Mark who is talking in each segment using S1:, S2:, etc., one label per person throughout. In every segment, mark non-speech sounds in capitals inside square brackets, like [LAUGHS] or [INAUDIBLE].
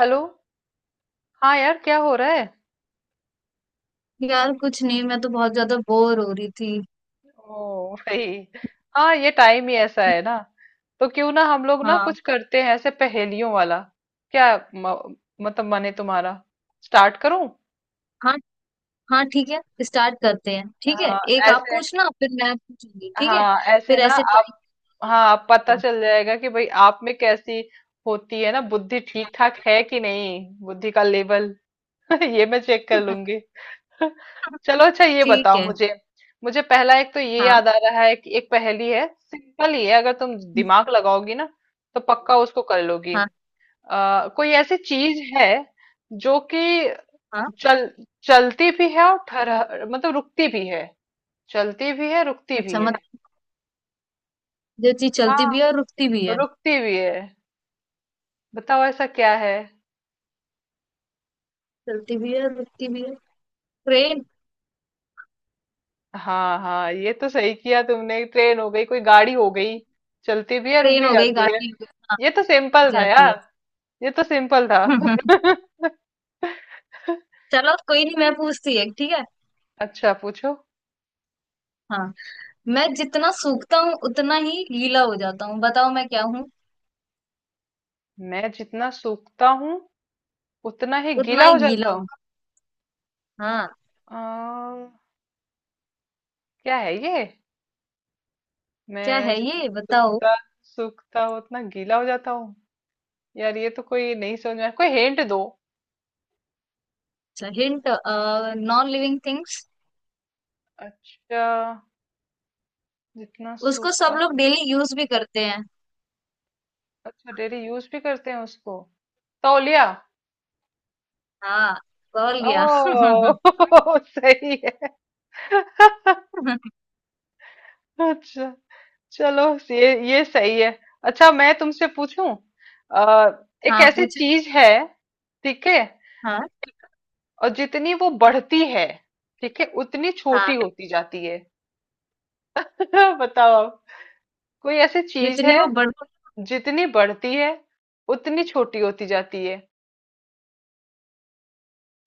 S1: Hello. हाँ यार क्या हो रहा है।
S2: यार कुछ नहीं, मैं तो बहुत ज्यादा बोर हो रही थी।
S1: ओ भाई, हाँ ये टाइम ही ऐसा है ना। तो क्यों ना हम लोग ना
S2: हाँ,
S1: कुछ करते हैं ऐसे पहेलियों वाला। मतलब मन है तुम्हारा, स्टार्ट करूं?
S2: हाँ हाँ ठीक है, स्टार्ट करते हैं, ठीक है।
S1: हाँ,
S2: एक आप
S1: ऐसे।
S2: पूछना फिर मैं पूछूंगी, ठीक है।
S1: हाँ ऐसे
S2: फिर
S1: ना
S2: ऐसे टाइम
S1: आप। हाँ आप पता चल जाएगा कि भाई आप में कैसी होती है ना बुद्धि, ठीक ठाक है कि नहीं बुद्धि का लेवल। [LAUGHS] ये मैं चेक कर
S2: [LAUGHS]
S1: लूंगी। चलो अच्छा ये
S2: ठीक
S1: बताओ
S2: है।
S1: मुझे। मुझे पहला एक तो ये
S2: हाँ
S1: याद आ रहा है कि एक पहेली है, सिंपल ही है अगर तुम दिमाग लगाओगी ना तो पक्का उसको कर लोगी।
S2: हाँ
S1: कोई ऐसी चीज है जो कि
S2: हाँ।
S1: चल चलती भी है और ठहर मतलब रुकती भी है। चलती भी है रुकती भी
S2: अच्छा
S1: है।
S2: मतलब, जो चीज चलती
S1: हाँ,
S2: भी है और रुकती भी है।
S1: रुकती भी है। बताओ ऐसा क्या है।
S2: चलती भी है और रुकती भी है। ट्रेन।
S1: हाँ हाँ ये तो सही किया तुमने, ट्रेन हो गई, कोई गाड़ी हो गई, चलती भी है रुक
S2: ट्रेन
S1: भी
S2: हो गई,
S1: जाती है।
S2: गाड़ी हो गई। हाँ,
S1: ये तो
S2: रुक
S1: सिंपल था
S2: जाती है।
S1: यार। ये तो सिंपल था।
S2: [LAUGHS]
S1: [LAUGHS]
S2: चलो कोई नहीं, मैं पूछती है, ठीक है।
S1: अच्छा पूछो।
S2: हाँ। मैं जितना सूखता हूँ उतना ही गीला हो जाता हूँ, बताओ मैं क्या हूँ।
S1: मैं जितना सूखता हूँ उतना ही
S2: उतना
S1: गीला
S2: ही
S1: हो
S2: गीला
S1: जाता हूँ।
S2: होगा। हाँ,
S1: अम, क्या है ये।
S2: क्या
S1: मैं
S2: है
S1: जितना
S2: ये, बताओ।
S1: सूखता सूखता हूँ उतना गीला हो जाता हूँ। यार ये तो कोई नहीं समझ में आया। कोई हिंट दो।
S2: अच्छा हिंट। Non living things.
S1: अच्छा, जितना
S2: उसको सब
S1: सूखता।
S2: लोग डेली यूज भी करते हैं।
S1: अच्छा डेली यूज भी करते हैं उसको। तौलिया।
S2: हाँ, कॉल लिया। [LAUGHS]
S1: ओ [LAUGHS] सही है। अच्छा चलो, ये सही है। अच्छा मैं तुमसे पूछूं। आ, एक
S2: हाँ
S1: ऐसी
S2: पूछे।
S1: चीज है, ठीक है,
S2: हाँ
S1: और जितनी वो बढ़ती है, ठीक है, उतनी
S2: हाँ
S1: छोटी होती जाती है। [LAUGHS] बताओ आप, कोई ऐसी चीज है
S2: जितनी वो बड़
S1: जितनी बढ़ती है उतनी छोटी होती जाती है।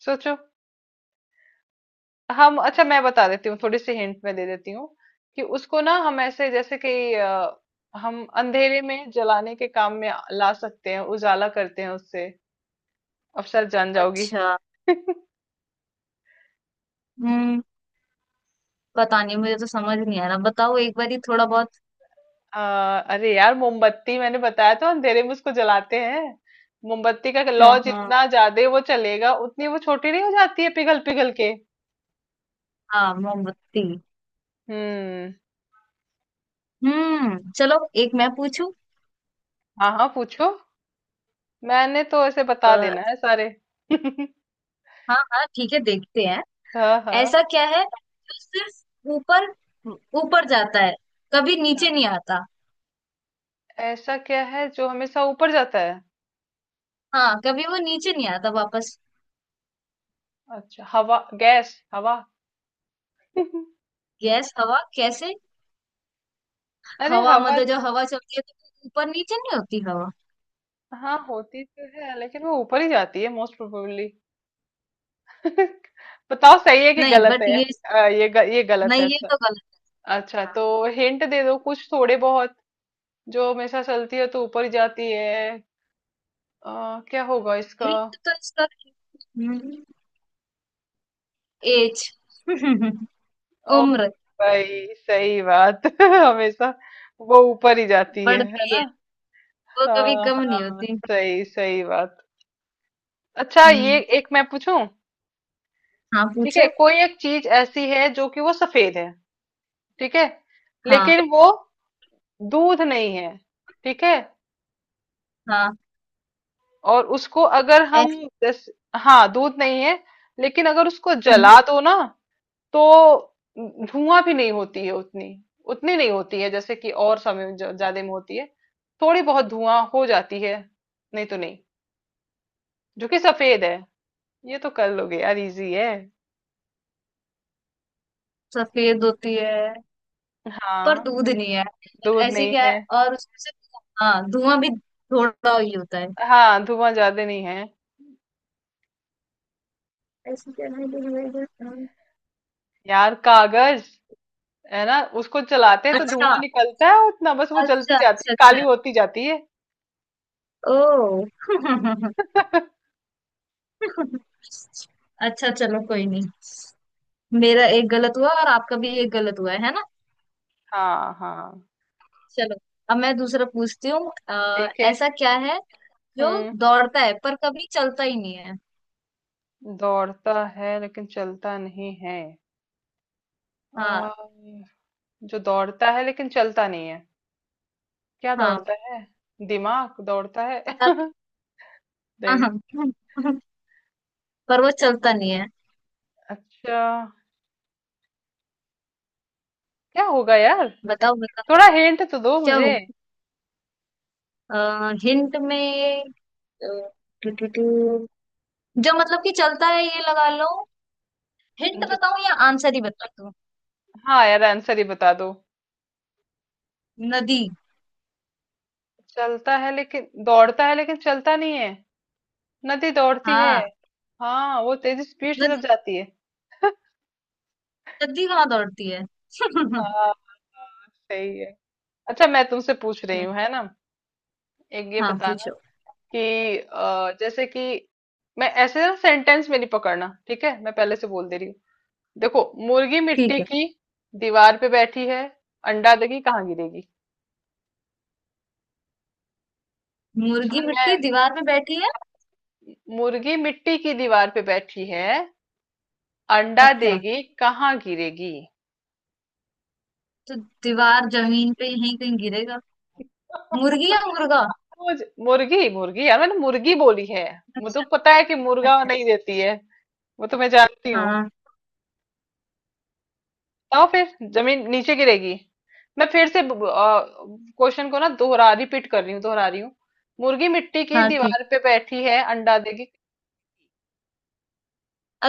S1: सोचो। हम अच्छा मैं बता देती हूँ, थोड़ी सी हिंट में दे देती हूँ कि उसको ना हम ऐसे जैसे कि हम अंधेरे में जलाने के काम में ला सकते हैं, उजाला करते हैं उससे। अब शायद जान जाओगी।
S2: अच्छा।
S1: [LAUGHS]
S2: हम्म, पता नहीं मुझे तो समझ नहीं आ रहा, बताओ एक बार ही थोड़ा बहुत।
S1: अ, अरे यार मोमबत्ती, मैंने बताया था अंधेरे में उसको जलाते हैं। मोमबत्ती का लौ
S2: अच्छा। हाँ,
S1: जितना ज्यादा वो चलेगा उतनी वो छोटी नहीं हो जाती है पिघल पिघल के।
S2: हाँ मोमबत्ती।
S1: हम्म।
S2: हम्म, चलो एक मैं पूछूं।
S1: हाँ हाँ पूछो। मैंने तो ऐसे बता
S2: अ,
S1: देना है सारे। [LAUGHS]
S2: हाँ हाँ ठीक है, देखते हैं।
S1: हाँ
S2: ऐसा
S1: हाँ
S2: क्या है जो सिर्फ ऊपर ऊपर जाता है, कभी नीचे
S1: हाँ।
S2: नहीं आता।
S1: ऐसा क्या है जो हमेशा ऊपर जाता है।
S2: हाँ, कभी वो नीचे नहीं आता वापस।
S1: अच्छा, हवा, गैस, हवा। [LAUGHS]
S2: गैस हवा कैसे।
S1: अरे
S2: हवा
S1: हवा।
S2: मतलब, जब हवा चलती है तो ऊपर नीचे नहीं होती हवा।
S1: हाँ होती तो है लेकिन वो ऊपर ही जाती है मोस्ट प्रोबेबली। [LAUGHS] बताओ सही है कि
S2: नहीं,
S1: गलत
S2: बट
S1: है।
S2: ये।
S1: ये गलत है
S2: नहीं, ये
S1: अच्छा।
S2: तो गलत।
S1: अच्छा तो हिंट दे दो कुछ थोड़े बहुत, जो हमेशा चलती है तो ऊपर जाती है। क्या होगा इसका।
S2: हिंट तो इसका एज। [LAUGHS]
S1: ओ
S2: उम्र
S1: भाई सही बात। [LAUGHS] हमेशा वो ऊपर ही जाती है
S2: बढ़ती है,
S1: ना।
S2: वो कभी
S1: हाँ
S2: कम नहीं
S1: हाँ,
S2: होती।
S1: सही सही बात। अच्छा ये
S2: हम्म,
S1: एक मैं पूछूं।
S2: हाँ
S1: ठीक है,
S2: पूछो।
S1: कोई एक चीज ऐसी है जो कि वो सफेद है, ठीक है,
S2: हाँ
S1: लेकिन वो दूध नहीं है, ठीक है,
S2: हाँ
S1: और उसको अगर हम
S2: ऐस-
S1: जैसे, हाँ दूध नहीं है, लेकिन अगर उसको
S2: हम्म,
S1: जला दो ना तो धुआं भी नहीं होती है उतनी, उतनी नहीं होती है जैसे कि और समय में ज्यादा में होती है। थोड़ी बहुत धुआं हो जाती है, नहीं तो नहीं, जो कि सफेद है। ये तो कर लोगे यार, इजी है।
S2: सफेद होती है पर
S1: हाँ
S2: दूध नहीं है, और
S1: दूध
S2: ऐसी
S1: नहीं
S2: क्या है,
S1: है।
S2: और उसमें से हाँ धुआं भी थोड़ा ही होता है।
S1: हाँ धुआं ज्यादा नहीं है।
S2: ऐसी क्या है जो
S1: यार कागज, है ना, उसको जलाते हैं तो
S2: अच्छा,
S1: धुआं निकलता है उतना, बस वो जलती
S2: अच्छा
S1: जाती
S2: अच्छा
S1: है काली
S2: अच्छा।
S1: होती जाती है।
S2: ओ [LAUGHS] अच्छा चलो, कोई नहीं। मेरा एक गलत हुआ और आपका भी एक गलत हुआ है ना।
S1: हाँ हाँ
S2: चलो, अब मैं दूसरा पूछती हूँ।
S1: ठीक है।
S2: ऐसा क्या है जो
S1: हुँ,
S2: दौड़ता है पर कभी चलता ही नहीं है।
S1: दौड़ता है लेकिन चलता नहीं है। अ,
S2: हाँ।
S1: जो दौड़ता है लेकिन चलता नहीं है, क्या
S2: हाँ
S1: दौड़ता है? दिमाग दौड़ता है?
S2: हाँ
S1: [LAUGHS] नहीं।
S2: हाँ। पर वो चलता नहीं है।
S1: अच्छा, क्या होगा यार?
S2: बताओ बताओ
S1: थोड़ा हिंट तो दो
S2: क्या
S1: मुझे।
S2: हो, हिंट में। अ, टू- टू- टू- जो मतलब कि चलता है ये लगा लो। हिंट
S1: जो
S2: बताऊं या आंसर ही बता दूं।
S1: हाँ, यार आंसर ही बता दो।
S2: नदी।
S1: चलता है लेकिन दौड़ता है लेकिन चलता नहीं है। नदी दौड़ती है।
S2: हाँ,
S1: हाँ, वो तेज़ी स्पीड से जब जाती है।
S2: जल्दी कहाँ दौड़ती है। [LAUGHS] हम्म,
S1: हाँ, हाँ, सही है। अच्छा मैं तुमसे पूछ रही हूँ, है ना? एक ये
S2: हाँ
S1: बताना
S2: पूछो।
S1: कि जैसे कि मैं ऐसे ना सेंटेंस में नहीं पकड़ना, ठीक है, मैं पहले से बोल दे रही हूँ। देखो, मुर्गी
S2: ठीक
S1: मिट्टी
S2: है।
S1: की दीवार पे बैठी है, अंडा देगी कहाँ गिरेगी। समझ
S2: मुर्गी
S1: में आया?
S2: मिट्टी दीवार में बैठी है।
S1: मुर्गी मिट्टी की दीवार पे बैठी है, अंडा
S2: अच्छा,
S1: देगी कहाँ गिरेगी।
S2: तो दीवार जमीन पे यहीं कहीं गिरेगा। मुर्गी या
S1: [LAUGHS]
S2: मुर्गा।
S1: मुर्गी, मुर्गी यार, मैंने मुर्गी बोली है। मुझे तो
S2: अच्छा।
S1: पता है कि मुर्गा
S2: अच्छा।
S1: नहीं देती है, वो तो मैं जानती हूँ।
S2: हाँ
S1: बताओ फिर, जमीन नीचे गिरेगी? मैं फिर से क्वेश्चन को ना दोहरा रिपीट कर रही हूँ, दोहरा रही हूँ। मुर्गी मिट्टी की
S2: हाँ ठीक
S1: दीवार
S2: है।
S1: पे बैठी है अंडा देगी।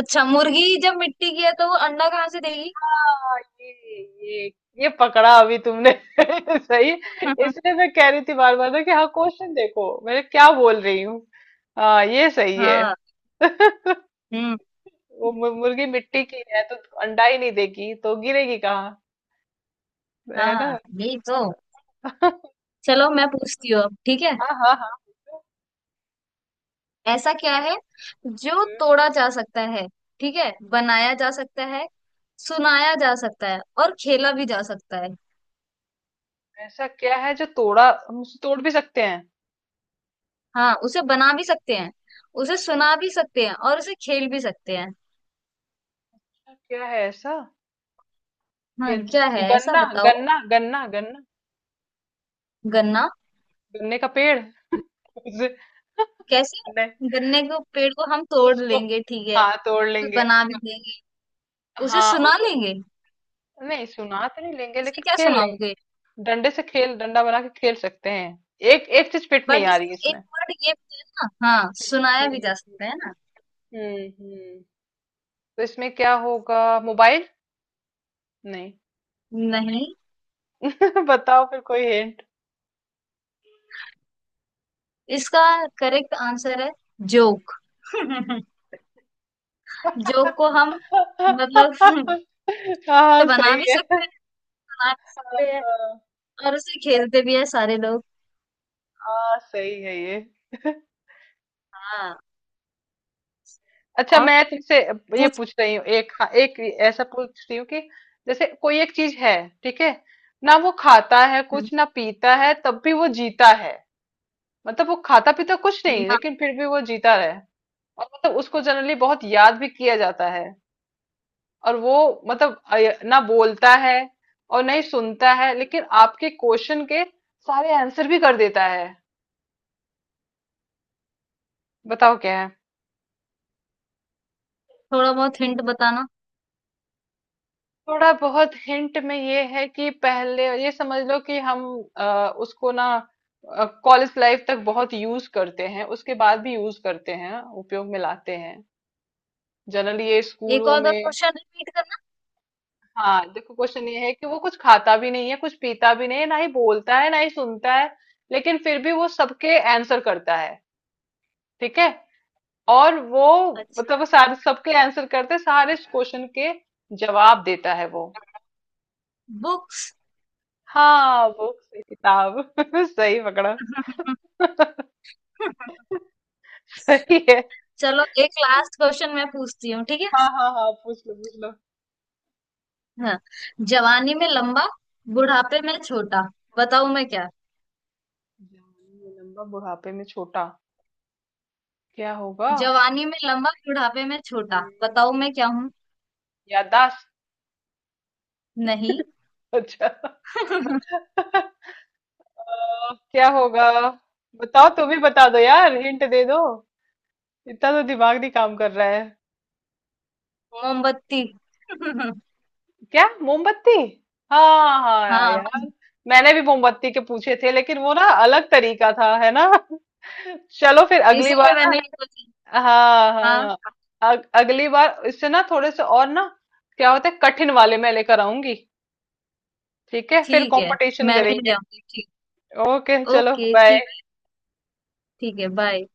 S2: अच्छा, मुर्गी जब मिट्टी की है तो वो अंडा कहाँ से देगी।
S1: हाँ, ये ये पकड़ा अभी तुमने। [LAUGHS] सही। इसलिए
S2: [LAUGHS]
S1: मैं कह रही थी बार बार ना कि हाँ क्वेश्चन देखो मैं क्या बोल रही हूँ। हाँ ये सही है।
S2: हाँ।
S1: [LAUGHS]
S2: हम्म।
S1: वो मुर्गी मिट्टी की है तो अंडा ही नहीं देगी तो गिरेगी कहाँ, है ना।
S2: हाँ, यही तो।
S1: [LAUGHS]
S2: चलो, मैं पूछती हूँ अब, ठीक है।
S1: हाँ हाँ हाँ।
S2: ऐसा क्या है जो तोड़ा जा सकता है, ठीक है, बनाया जा सकता है, सुनाया जा सकता है और खेला भी जा सकता है।
S1: ऐसा क्या है जो तोड़ा, हम उसे तोड़ भी सकते हैं।
S2: हाँ, उसे बना भी सकते हैं, उसे सुना भी सकते हैं और उसे खेल भी सकते हैं।
S1: ऐसा क्या है ऐसा।
S2: हाँ,
S1: खेल
S2: क्या है
S1: में
S2: ऐसा,
S1: गन्ना,
S2: बताओ।
S1: गन्ना, गन्ना, गन्ना,
S2: गन्ना
S1: गन्ने का पेड़। उसे नहीं,
S2: कैसे? गन्ने के पेड़ को हम तोड़
S1: उसको,
S2: लेंगे, ठीक है,
S1: हाँ तोड़
S2: तो
S1: लेंगे।
S2: बना भी देंगे, उसे
S1: हाँ
S2: सुना
S1: उसे।
S2: लेंगे।
S1: नहीं सुना तो नहीं लेंगे
S2: उसे
S1: लेकिन
S2: क्या
S1: खेल लेंगे।
S2: सुनाओगे?
S1: डंडे से खेल, डंडा बना के खेल सकते हैं। एक एक चीज फिट नहीं
S2: बट
S1: आ रही
S2: इसमें एक
S1: इसमें।
S2: वर्ड ये भी है ना, हाँ, सुनाया भी जा
S1: हम्म।
S2: सकता है।
S1: हम्म हम्म। तो इसमें क्या होगा? मोबाइल? नहीं।
S2: ना नहीं।
S1: [LAUGHS] बताओ फिर कोई हिंट।
S2: इसका करेक्ट आंसर है जोक। [LAUGHS] जोक को हम, मतलब, [LAUGHS] उसे
S1: [LAUGHS] हाँ
S2: बना
S1: सही
S2: भी
S1: है।
S2: सकते हैं, सुना भी सकते हैं, और उसे खेलते भी है सारे लोग।
S1: हाँ सही है ये।
S2: हाँ
S1: अच्छा
S2: और
S1: मैं तुमसे ये
S2: पूछ।
S1: पूछ रही हूँ, एक, हाँ, एक ऐसा पूछ रही हूँ कि जैसे कोई एक चीज है, ठीक है, ना वो खाता है
S2: हम्म,
S1: कुछ ना पीता है तब भी वो जीता है। मतलब वो खाता पीता कुछ नहीं
S2: हाँ।
S1: लेकिन फिर भी वो जीता रहे, और मतलब उसको जनरली बहुत याद भी किया जाता है, और वो मतलब ना बोलता है और नहीं सुनता है लेकिन आपके क्वेश्चन के सारे आंसर भी कर देता है। बताओ क्या।
S2: थोड़ा बहुत हिंट बताना।
S1: थोड़ा बहुत हिंट में ये है कि पहले ये समझ लो कि उसको ना कॉलेज लाइफ तक बहुत यूज करते हैं, उसके बाद भी यूज करते हैं, उपयोग में लाते हैं, जनरली ये
S2: एक
S1: स्कूलों
S2: और बार
S1: में।
S2: क्वेश्चन रिपीट करना।
S1: हाँ देखो क्वेश्चन ये है कि वो कुछ खाता भी नहीं है कुछ पीता भी नहीं है, ना ही बोलता है ना ही सुनता है, लेकिन फिर भी वो सबके आंसर करता है, ठीक है, और वो मतलब
S2: अच्छा,
S1: वो सारे सबके आंसर करते, सारे क्वेश्चन के जवाब देता है वो।
S2: बुक्स।
S1: हाँ बुक से, किताब। [LAUGHS] सही पकड़ा,
S2: [LAUGHS]
S1: सही है।
S2: चलो, एक लास्ट क्वेश्चन मैं पूछती हूँ, ठीक है।
S1: हाँ हाँ हाँ पूछ लो पूछ लो।
S2: हाँ। जवानी में लंबा, बुढ़ापे में छोटा, बताओ मैं क्या।
S1: जवानी में लंबा बुढ़ापे में छोटा, क्या होगा?
S2: जवानी में लंबा, बुढ़ापे में छोटा,
S1: हम्म,
S2: बताओ मैं क्या हूँ।
S1: याददाश्त?
S2: नहीं।
S1: अच्छा। [LAUGHS]
S2: [LAUGHS]
S1: क्या होगा? बताओ तुम ही बता दो यार, हिंट दे दो, इतना तो दिमाग नहीं काम कर रहा है।
S2: मोमबत्ती। [LAUGHS]
S1: क्या मोमबत्ती? हाँ हाँ हाँ,
S2: हाँ,
S1: यार मैंने भी मोमबत्ती के पूछे थे लेकिन वो ना अलग तरीका था है ना। [LAUGHS] चलो फिर अगली
S2: इसीलिए
S1: बार।
S2: मैंने ये सोची।
S1: हाँ
S2: हाँ।
S1: हाँ। अगली बार इससे ना थोड़े से और ना क्या होता है कठिन वाले मैं लेकर आऊंगी, ठीक है, फिर
S2: ठीक है,
S1: कंपटीशन
S2: मैं भी ले
S1: करेंगे।
S2: आऊंगी, ठीक।
S1: ओके चलो
S2: ओके,
S1: बाय।
S2: ठीक। ठीक है, बाय।